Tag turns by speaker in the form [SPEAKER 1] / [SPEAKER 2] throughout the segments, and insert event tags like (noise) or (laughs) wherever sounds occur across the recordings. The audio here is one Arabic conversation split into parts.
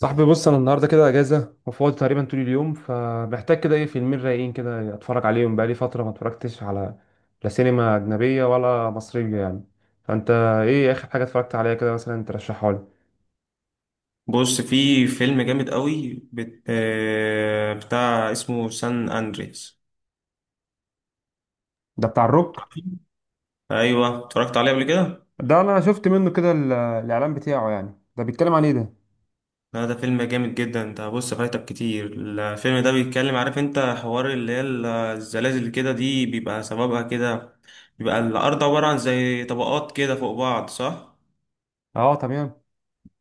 [SPEAKER 1] صاحبي بص، انا النهارده كده اجازه وفاضي تقريبا طول اليوم، فمحتاج كده ايه، فيلمين رايقين كده اتفرج عليهم، بقالي فتره ما اتفرجتش على لا سينما اجنبيه ولا مصريه يعني. فانت ايه اخر حاجه اتفرجت عليها كده مثلا ترشحها لي؟
[SPEAKER 2] بص، في فيلم جامد قوي بت... آه، بتاع اسمه سان اندريس.
[SPEAKER 1] ده بتاع الروك.
[SPEAKER 2] ايوه اتفرجت عليه قبل كده.
[SPEAKER 1] ده انا شفت منه كده الاعلان بتاعه، يعني ده بيتكلم عن ايه ده؟
[SPEAKER 2] لا، ده فيلم جامد جدا ده، بص فايتك كتير. الفيلم ده بيتكلم، عارف انت حوار اللي هي الزلازل كده دي بيبقى سببها كده. بيبقى الارض عبارة عن زي طبقات كده فوق بعض، صح؟
[SPEAKER 1] اه، تمام.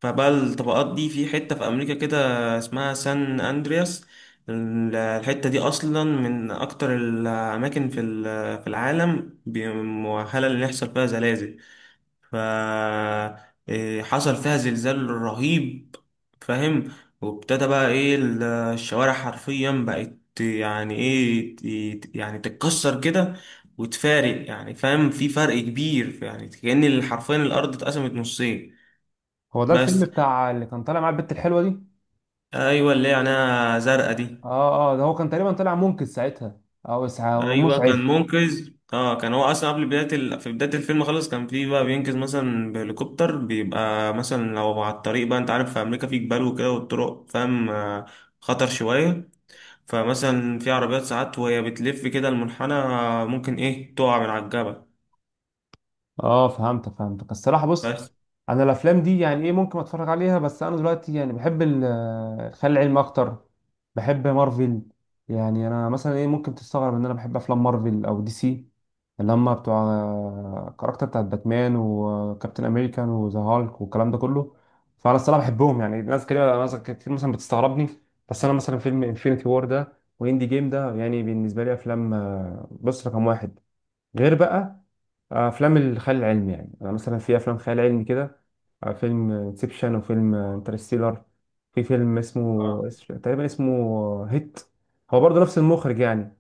[SPEAKER 2] فبقى الطبقات دي في حتة في أمريكا كده اسمها سان أندرياس. الحتة دي أصلا من أكتر الأماكن في في العالم مؤهلة إن يحصل فيها زلازل. ف حصل فيها زلزال رهيب، فاهم؟ وابتدى بقى الشوارع حرفيا بقت يعني إيه، يعني تتكسر كده وتفارق، يعني فاهم؟ في فرق كبير، يعني كأن حرفيا الأرض اتقسمت نصين.
[SPEAKER 1] هو ده
[SPEAKER 2] بس.
[SPEAKER 1] الفيلم بتاع اللي كان طالع مع البت الحلوه دي؟
[SPEAKER 2] ايوه، اللي هي عينيها زرقاء دي.
[SPEAKER 1] اه اه، ده هو كان تقريبا طالع منقذ ساعتها، او
[SPEAKER 2] ايوه، كان
[SPEAKER 1] مسعف.
[SPEAKER 2] منقذ. اه، كان هو اصلا قبل بدايه في بدايه الفيلم خالص كان في بقى بينقذ مثلا بهليكوبتر. بيبقى مثلا لو على الطريق، بقى انت عارف في امريكا في جبال وكده، والطرق فاهم خطر شويه. فمثلا في عربيات ساعات وهي بتلف كده المنحنى ممكن ايه تقع من على الجبل.
[SPEAKER 1] اه، فهمتك فهمتك. الصراحه بص،
[SPEAKER 2] بس.
[SPEAKER 1] انا الافلام دي يعني ايه، ممكن اتفرج عليها، بس انا دلوقتي يعني بحب الخيال العلمي اكتر. بحب مارفل. يعني انا مثلا ايه، ممكن تستغرب ان انا بحب افلام مارفل او دي سي، اللي هم بتوع الكاركتر بتاعت باتمان وكابتن امريكان وذا هالك والكلام ده كله. فانا الصراحه بحبهم، يعني ناس كده، ناس كتير مثلا بتستغربني. بس انا مثلا فيلم انفينيتي وور ده واندي جيم ده، يعني بالنسبه لي افلام، بص رقم واحد، غير بقى افلام الخيال العلمي. يعني انا مثلا في افلام خيال علمي كده، فيلم انسبشن وفيلم انترستيلر. في فيلم اسمه
[SPEAKER 2] اه
[SPEAKER 1] تقريبا اسمه هيت. هو برضه نفس المخرج، يعني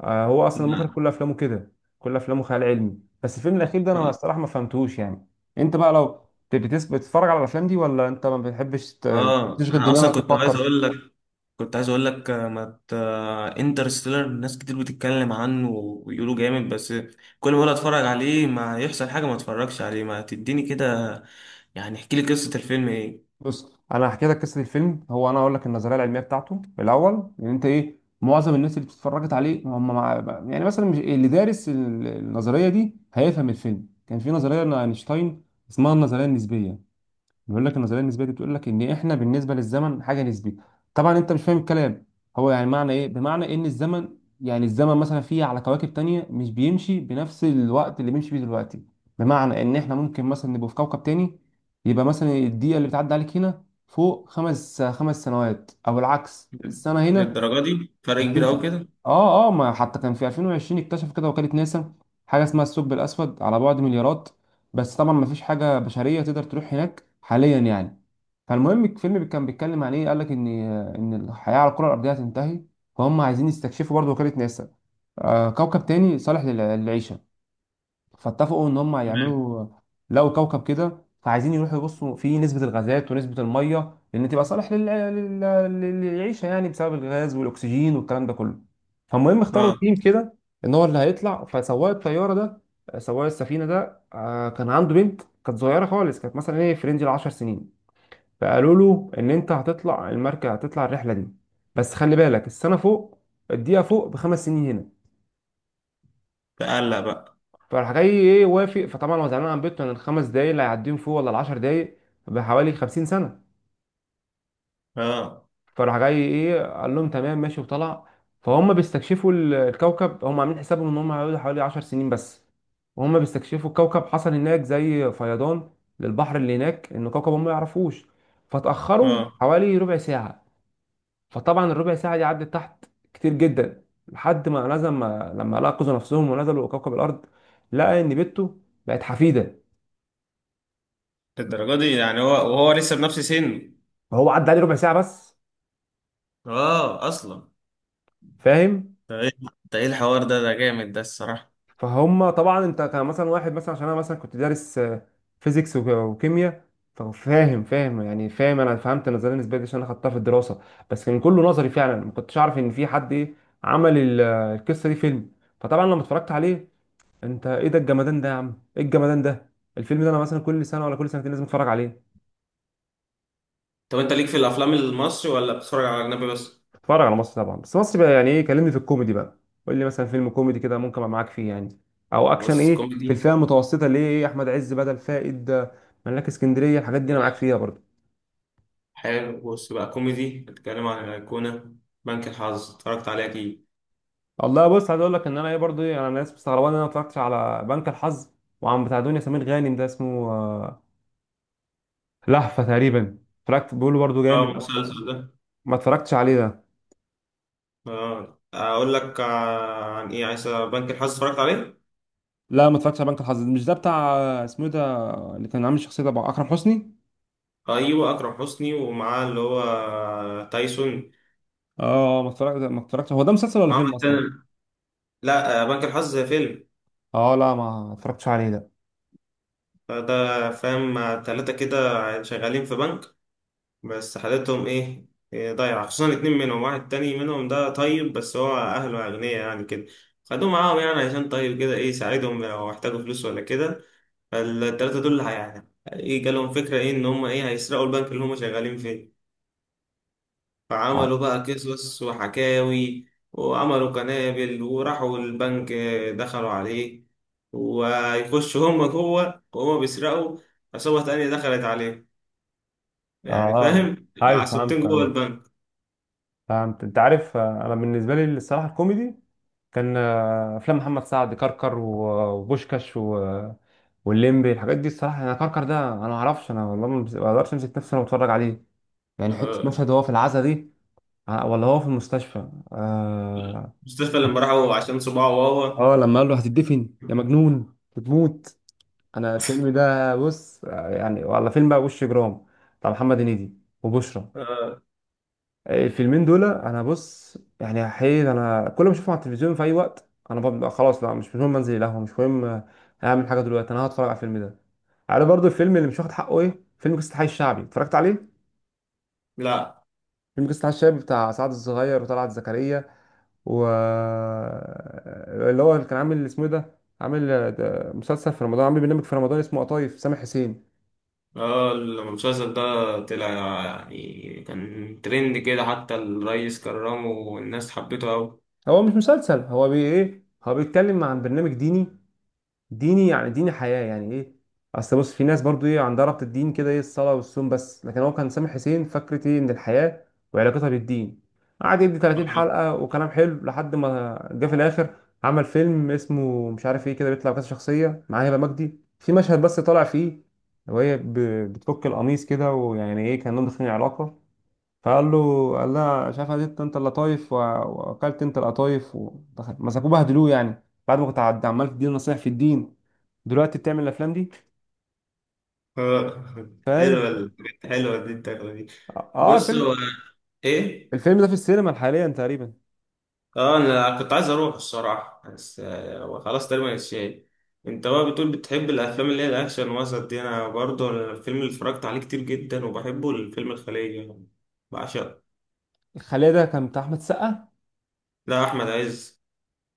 [SPEAKER 1] هو اصلا المخرج كل افلامه كده، كل افلامه خيال علمي. بس الفيلم الاخير ده انا الصراحه ما فهمتهوش يعني. انت بقى لو بتتفرج على الافلام دي، ولا انت ما بتحبش
[SPEAKER 2] اه
[SPEAKER 1] تشغل
[SPEAKER 2] انا اصلا
[SPEAKER 1] دماغك
[SPEAKER 2] كنت عايز
[SPEAKER 1] وتفكر؟
[SPEAKER 2] اقول لك، كنت عايز اقول لك آه، ما ت... انترستيلر ناس كتير بتتكلم عنه ويقولوا جامد، بس كل ما اقول اتفرج عليه ما يحصل حاجه، ما اتفرجش عليه. ما تديني كده يعني، احكي لي قصه الفيلم ايه؟
[SPEAKER 1] بص، انا هحكي لك قصه الفيلم. هو انا اقول لك النظريه العلميه بتاعته الاول، ان انت ايه، معظم الناس اللي اتفرجت عليه هم يعني مثلا مش اللي دارس النظريه دي هيفهم الفيلم. كان في نظريه لاينشتاين اسمها النظريه النسبيه. بيقول لك النظريه النسبيه دي بتقول لك ان احنا بالنسبه للزمن حاجه نسبيه. طبعا انت مش فاهم الكلام، هو يعني معنى ايه؟ بمعنى ان الزمن، يعني الزمن مثلا فيه على كواكب تانية مش بيمشي بنفس الوقت اللي بيمشي فيه دلوقتي. بمعنى ان احنا ممكن مثلا نبقى في كوكب تاني، يبقى مثلا الدقيقه اللي بتعدي عليك هنا فوق خمس سنوات، او العكس، السنه هنا
[SPEAKER 2] للدرجه دي؟ فرق كبير
[SPEAKER 1] 30
[SPEAKER 2] قوي
[SPEAKER 1] سنة.
[SPEAKER 2] كده؟
[SPEAKER 1] اه اه، ما حتى كان في 2020 اكتشف كده وكالة ناسا حاجة اسمها الثقب الأسود على بعد مليارات. بس طبعا ما فيش حاجة بشرية تقدر تروح هناك حاليا يعني. فالمهم الفيلم كان بيتكلم عن ايه، قال لك ان ان الحياة على الكرة الأرضية هتنتهي. فهم عايزين يستكشفوا، برضه وكالة ناسا، كوكب تاني صالح للعيشة. فاتفقوا ان هم
[SPEAKER 2] تمام.
[SPEAKER 1] يعملوا، لقوا كوكب كده، فعايزين يروحوا يبصوا فيه نسبة الغازات ونسبة المية، لان تبقى صالح للعيشة، يعني بسبب الغاز والاكسجين والكلام ده كله. فالمهم اختاروا
[SPEAKER 2] اه.
[SPEAKER 1] تيم كده ان هو اللي هيطلع. فسواق الطيارة ده، سواق السفينة ده، كان عنده بنت كانت صغيرة خالص، كانت مثلا ايه في رينج العشر سنين. فقالوا له ان انت هتطلع المركب، هتطلع الرحلة دي، بس خلي بالك السنة فوق، الدقيقة فوق بخمس سنين هنا.
[SPEAKER 2] تقلق بقى.
[SPEAKER 1] فراح جاي ايه، وافق. فطبعا هو زعلان عن بيته، ان الخمس دقايق اللي هيعديهم فيه ولا العشر دقايق بحوالي 50 سنة.
[SPEAKER 2] اه.
[SPEAKER 1] فراح جاي ايه قال لهم تمام ماشي وطلع. فهم بيستكشفوا الكوكب، هم عاملين حسابهم ان هم هيقعدوا حوالي 10 سنين بس. وهم بيستكشفوا الكوكب حصل هناك زي فيضان للبحر اللي هناك، ان كوكب هم ما يعرفوش. فتأخروا
[SPEAKER 2] اه،
[SPEAKER 1] حوالي ربع ساعة. فطبعا الربع ساعة دي عدت تحت كتير جدا. لحد ما نزل ما لما لقوا نفسهم ونزلوا كوكب الأرض، لقى إن بنته بقت حفيدة.
[SPEAKER 2] للدرجه دي؟ يعني هو وهو لسه بنفس سنه؟
[SPEAKER 1] فهو عدى عليه ربع ساعه بس،
[SPEAKER 2] اه، اصلا
[SPEAKER 1] فاهم؟
[SPEAKER 2] ده ايه؟ ده إيه الحوار ده؟ ده جامد ده الصراحه.
[SPEAKER 1] فهم طبعا انت كان مثلا واحد مثلا، عشان انا مثلا كنت دارس فيزيكس وكيمياء، فاهم، فاهم يعني، فاهم. انا فهمت النظريه النسبيه دي عشان انا خدتها في الدراسه، بس كان كله نظري. فعلا ما كنتش اعرف ان في حد ايه عمل القصه دي فيلم. فطبعا لما اتفرجت عليه، انت ايه ده الجمدان ده يا عم، ايه الجمدان ده. الفيلم ده انا مثلا كل سنه ولا كل سنتين لازم اتفرج عليه.
[SPEAKER 2] طب انت ليك في الافلام المصري ولا بتتفرج على اجنبي بس؟
[SPEAKER 1] اتفرج على مصر طبعا، بس مصر بقى يعني ايه، كلمني في الكوميدي بقى. قول لي مثلا فيلم كوميدي كده ممكن ابقى معاك فيه يعني، او اكشن،
[SPEAKER 2] بس
[SPEAKER 1] ايه في
[SPEAKER 2] كوميدي.
[SPEAKER 1] الفئه المتوسطه اللي هي ايه، احمد عز بدل فائد، ملاك اسكندريه، الحاجات دي انا معاك فيها برضو.
[SPEAKER 2] حلو. بص بقى، كوميدي. بتتكلم عن الأيقونة؟ بنك الحظ اتفرجت عليه أكيد.
[SPEAKER 1] والله بص، عايز اقول لك ان انا ايه برضو ايه، انا الناس مستغربه ان انا ما اتفرجتش على بنك الحظ. وعم بتاع دنيا سمير غانم ده اسمه لهفه تقريبا، اتفرجت، بيقولوا برضو
[SPEAKER 2] اه،
[SPEAKER 1] جامد أوي.
[SPEAKER 2] المسلسل ده؟
[SPEAKER 1] ما اتفرجتش عليه ده.
[SPEAKER 2] اه، أقول لك عن إيه عايز؟ بنك الحظ اتفرجت عليه؟
[SPEAKER 1] لا، ما اتفرجتش على بنك الحظ. مش ده بتاع اسمه إيه ده، اللي كان عامل شخصيه ده بقى، اكرم حسني.
[SPEAKER 2] أيوه، أكرم حسني، ومعاه اللي هو تايسون.
[SPEAKER 1] اه، ما اتفرجت، ما اتفرجتش. هو ده مسلسل ولا
[SPEAKER 2] معاه
[SPEAKER 1] فيلم اصلا؟
[SPEAKER 2] التاني. لا بنك الحظ فيلم.
[SPEAKER 1] اه، لا، ما اتفرجتش عليه ده.
[SPEAKER 2] ده فاهم تلاتة كده شغالين في بنك، بس حالتهم إيه؟ ضايعة. خصوصا الاتنين منهم. واحد تاني منهم ده طيب، بس هو أهله أغنياء يعني، كده خدوه معاهم يعني عشان طيب كده إيه، يساعدهم لو احتاجوا فلوس ولا كده. فالتلاتة دول يعني ايه، جالهم فكرة ايه، ان هم ايه، هيسرقوا البنك اللي هم شغالين فيه. فعملوا بقى قصص وحكاوي، وعملوا قنابل، وراحوا البنك دخلوا عليه. ويخشوا هم جوه وهم بيسرقوا، عصابة تانية دخلت عليه. يعني
[SPEAKER 1] اه،
[SPEAKER 2] فاهم،
[SPEAKER 1] ايوه،
[SPEAKER 2] عصابتين
[SPEAKER 1] فهمت،
[SPEAKER 2] جوه
[SPEAKER 1] فهمت،
[SPEAKER 2] البنك.
[SPEAKER 1] فهمت. انت عارف انا بالنسبه لي الصراحه الكوميدي كان افلام محمد سعد، كركر وبوشكاش والليمبي، الحاجات دي الصراحه. انا كركر ده انا ما اعرفش، انا والله ما ما اقدرش امسك نفسي وانا بتفرج عليه. يعني حته
[SPEAKER 2] آه،
[SPEAKER 1] مشهد وهو في العزا دي، ولا هو في المستشفى، اه،
[SPEAKER 2] مصطفى لما راحوا عشان صباعه وهو
[SPEAKER 1] لما قال له هتدفن يا مجنون بتموت. انا الفيلم ده بص، يعني والله فيلم بقى وش جرام، بتاع محمد هنيدي وبشرى.
[SPEAKER 2] آه،
[SPEAKER 1] الفيلمين دول انا بص يعني حقيقي، انا كل ما اشوفهم على التلفزيون في اي وقت انا ببقى خلاص، لا مش مهم انزل القهوه، مش مهم اعمل حاجه، دلوقتي انا هتفرج على الفيلم ده. عارف برضو الفيلم اللي مش واخد حقه ايه؟ فيلم قصه الحي الشعبي، اتفرجت عليه؟
[SPEAKER 2] لا.
[SPEAKER 1] فيلم قصه الحي الشعبي بتاع سعد الصغير وطلعت زكريا، و اللي هو اللي كان عامل اسمه إيه ده، عامل ده مسلسل في رمضان، عامل برنامج في رمضان اسمه قطايف، سامح حسين.
[SPEAKER 2] اه، المسلسل ده طلع، يعني كان ترند كده، حتى الريس كرمه والناس حبته أوي.
[SPEAKER 1] هو مش مسلسل، هو بي ايه، هو بيتكلم عن برنامج ديني، ديني يعني ديني حياة يعني ايه. اصل بص في ناس برضو ايه عندها ربط الدين كده ايه، الصلاة والصوم بس. لكن هو كان سامح حسين فكرة ايه من الحياة وعلاقتها بالدين. قعد يدي 30
[SPEAKER 2] آه. (laughs)
[SPEAKER 1] حلقة وكلام حلو، لحد ما جه في الاخر عمل فيلم اسمه مش عارف ايه كده، بيطلع كذا شخصية، معاه هبة مجدي في مشهد بس طالع فيه، وهي بتفك القميص كده، ويعني ايه كانهم داخلين علاقة. فقال له، قال لها شايف انت، انت اللطايف واكلت انت القطايف. مسكوه بهدلوه، يعني بعد ما كنت عمال تديني نصايح في الدين، دلوقتي بتعمل الافلام دي،
[SPEAKER 2] آه. حلوة
[SPEAKER 1] فاهم.
[SPEAKER 2] الحاجات حلوة دي، الدخلة دي.
[SPEAKER 1] اه
[SPEAKER 2] بص هو
[SPEAKER 1] فيلم،
[SPEAKER 2] ايه.
[SPEAKER 1] الفيلم ده في السينما حاليا تقريبا.
[SPEAKER 2] اه، انا كنت عايز اروح الصراحة بس هو خلاص تقريبا اتشال. انت بقى بتقول بتحب الافلام اللي هي الاكشن وسط دي، انا برضه الفيلم اللي اتفرجت عليه كتير جدا وبحبه الفيلم الخلية، بعشقه.
[SPEAKER 1] الخليه ده كان بتاع احمد السقا؟
[SPEAKER 2] لا، احمد عز.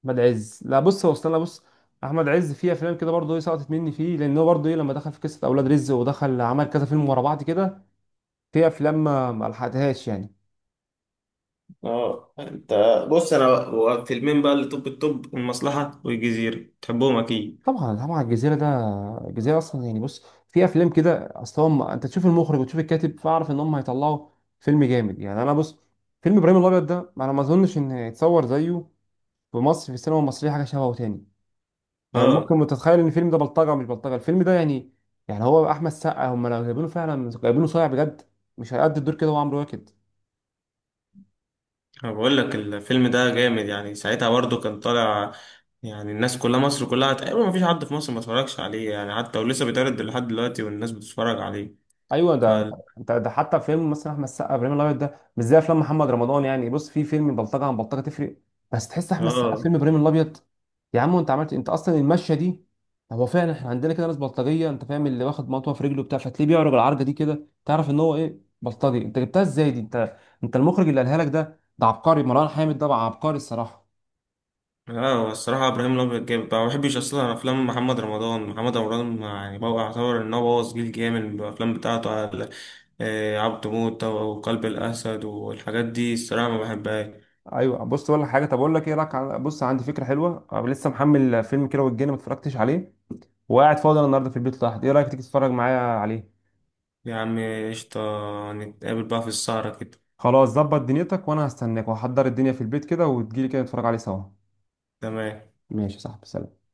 [SPEAKER 1] احمد عز، لا بص هو استنى بص، احمد عز فيه افلام كده برضه ايه سقطت مني فيه، لان هو برضه ايه لما دخل في قصه اولاد رزق ودخل عمل كذا فيلم ورا بعض كده، في افلام ما لحقتهاش يعني.
[SPEAKER 2] اه. انت، بص انا هو فيلمين بقى اللي توب التوب، المصلحة والجزيرة، تحبهم اكيد.
[SPEAKER 1] طبعا، طبعا الجزيره ده، الجزيره اصلا يعني بص، في افلام كده اصلا هم انت تشوف المخرج وتشوف الكاتب فاعرف ان هم هيطلعوا فيلم جامد. يعني انا بص، فيلم ابراهيم الابيض ده انا ما اظنش ان يتصور زيه في مصر في السينما المصريه حاجه شبهه تاني. طب
[SPEAKER 2] اه،
[SPEAKER 1] ممكن تتخيل ان الفيلم ده بلطجه مش بلطجه، الفيلم ده يعني، يعني هو احمد سقا هم لو جايبينه فعلا جايبينه صايع بجد، مش هيأدي الدور كده هو، عمرو واكد.
[SPEAKER 2] انا بقول لك الفيلم ده جامد. يعني ساعتها برضو كان طالع، يعني الناس كلها مصر كلها تقريبا ما فيش حد في مصر ما اتفرجش عليه يعني، حتى ولسه بيتعرض لحد دلوقتي والناس بتتفرج عليه.
[SPEAKER 1] ايوه
[SPEAKER 2] ف
[SPEAKER 1] ده. انت ده حتى فيلم مثلا احمد السقا ابراهيم الابيض ده مش زي افلام محمد رمضان. يعني بص، في فيلم بلطجه عن بلطجه تفرق. بس تحس احمد السقا في
[SPEAKER 2] اه.
[SPEAKER 1] فيلم ابراهيم الابيض، يا عم انت عملت، انت اصلا المشيه دي. هو فعلا احنا عندنا كده ناس بلطجيه، انت فاهم، اللي واخد مطوه في رجله بتاع، فتلاقيه بيعرج العرجه دي كده، تعرف ان هو ايه، بلطجي. انت جبتها ازاي دي انت، انت المخرج اللي قالها لك ده ده عبقري، مروان حامد ده بقى عبقري الصراحه.
[SPEAKER 2] اه، هو الصراحة إبراهيم الأبيض جامد. ما بحبش أصلا أفلام محمد رمضان. محمد رمضان يعني بقى يعتبر إن هو بوظ جيل جامد بالأفلام بتاعته على عبد موتة وقلب الأسد والحاجات دي، الصراحة ما بحبهاش.
[SPEAKER 1] ايوه، بص، ولا حاجه، طب اقول لك ايه رايك بص عندي فكره حلوه، أنا لسه محمل فيلم كيرة والجن ما اتفرجتش عليه، وقاعد فاضي أنا النهارده في البيت لوحدي، ايه رأيك تيجي تتفرج معايا عليه؟
[SPEAKER 2] يا عم قشطة، نتقابل بقى في السهرة كده.
[SPEAKER 1] خلاص، ظبط دنيتك، وانا هستناك وهحضر الدنيا في البيت كده، وتجيلي كده نتفرج عليه سوا.
[SPEAKER 2] تمام.
[SPEAKER 1] ماشي يا صاحبي، سلام.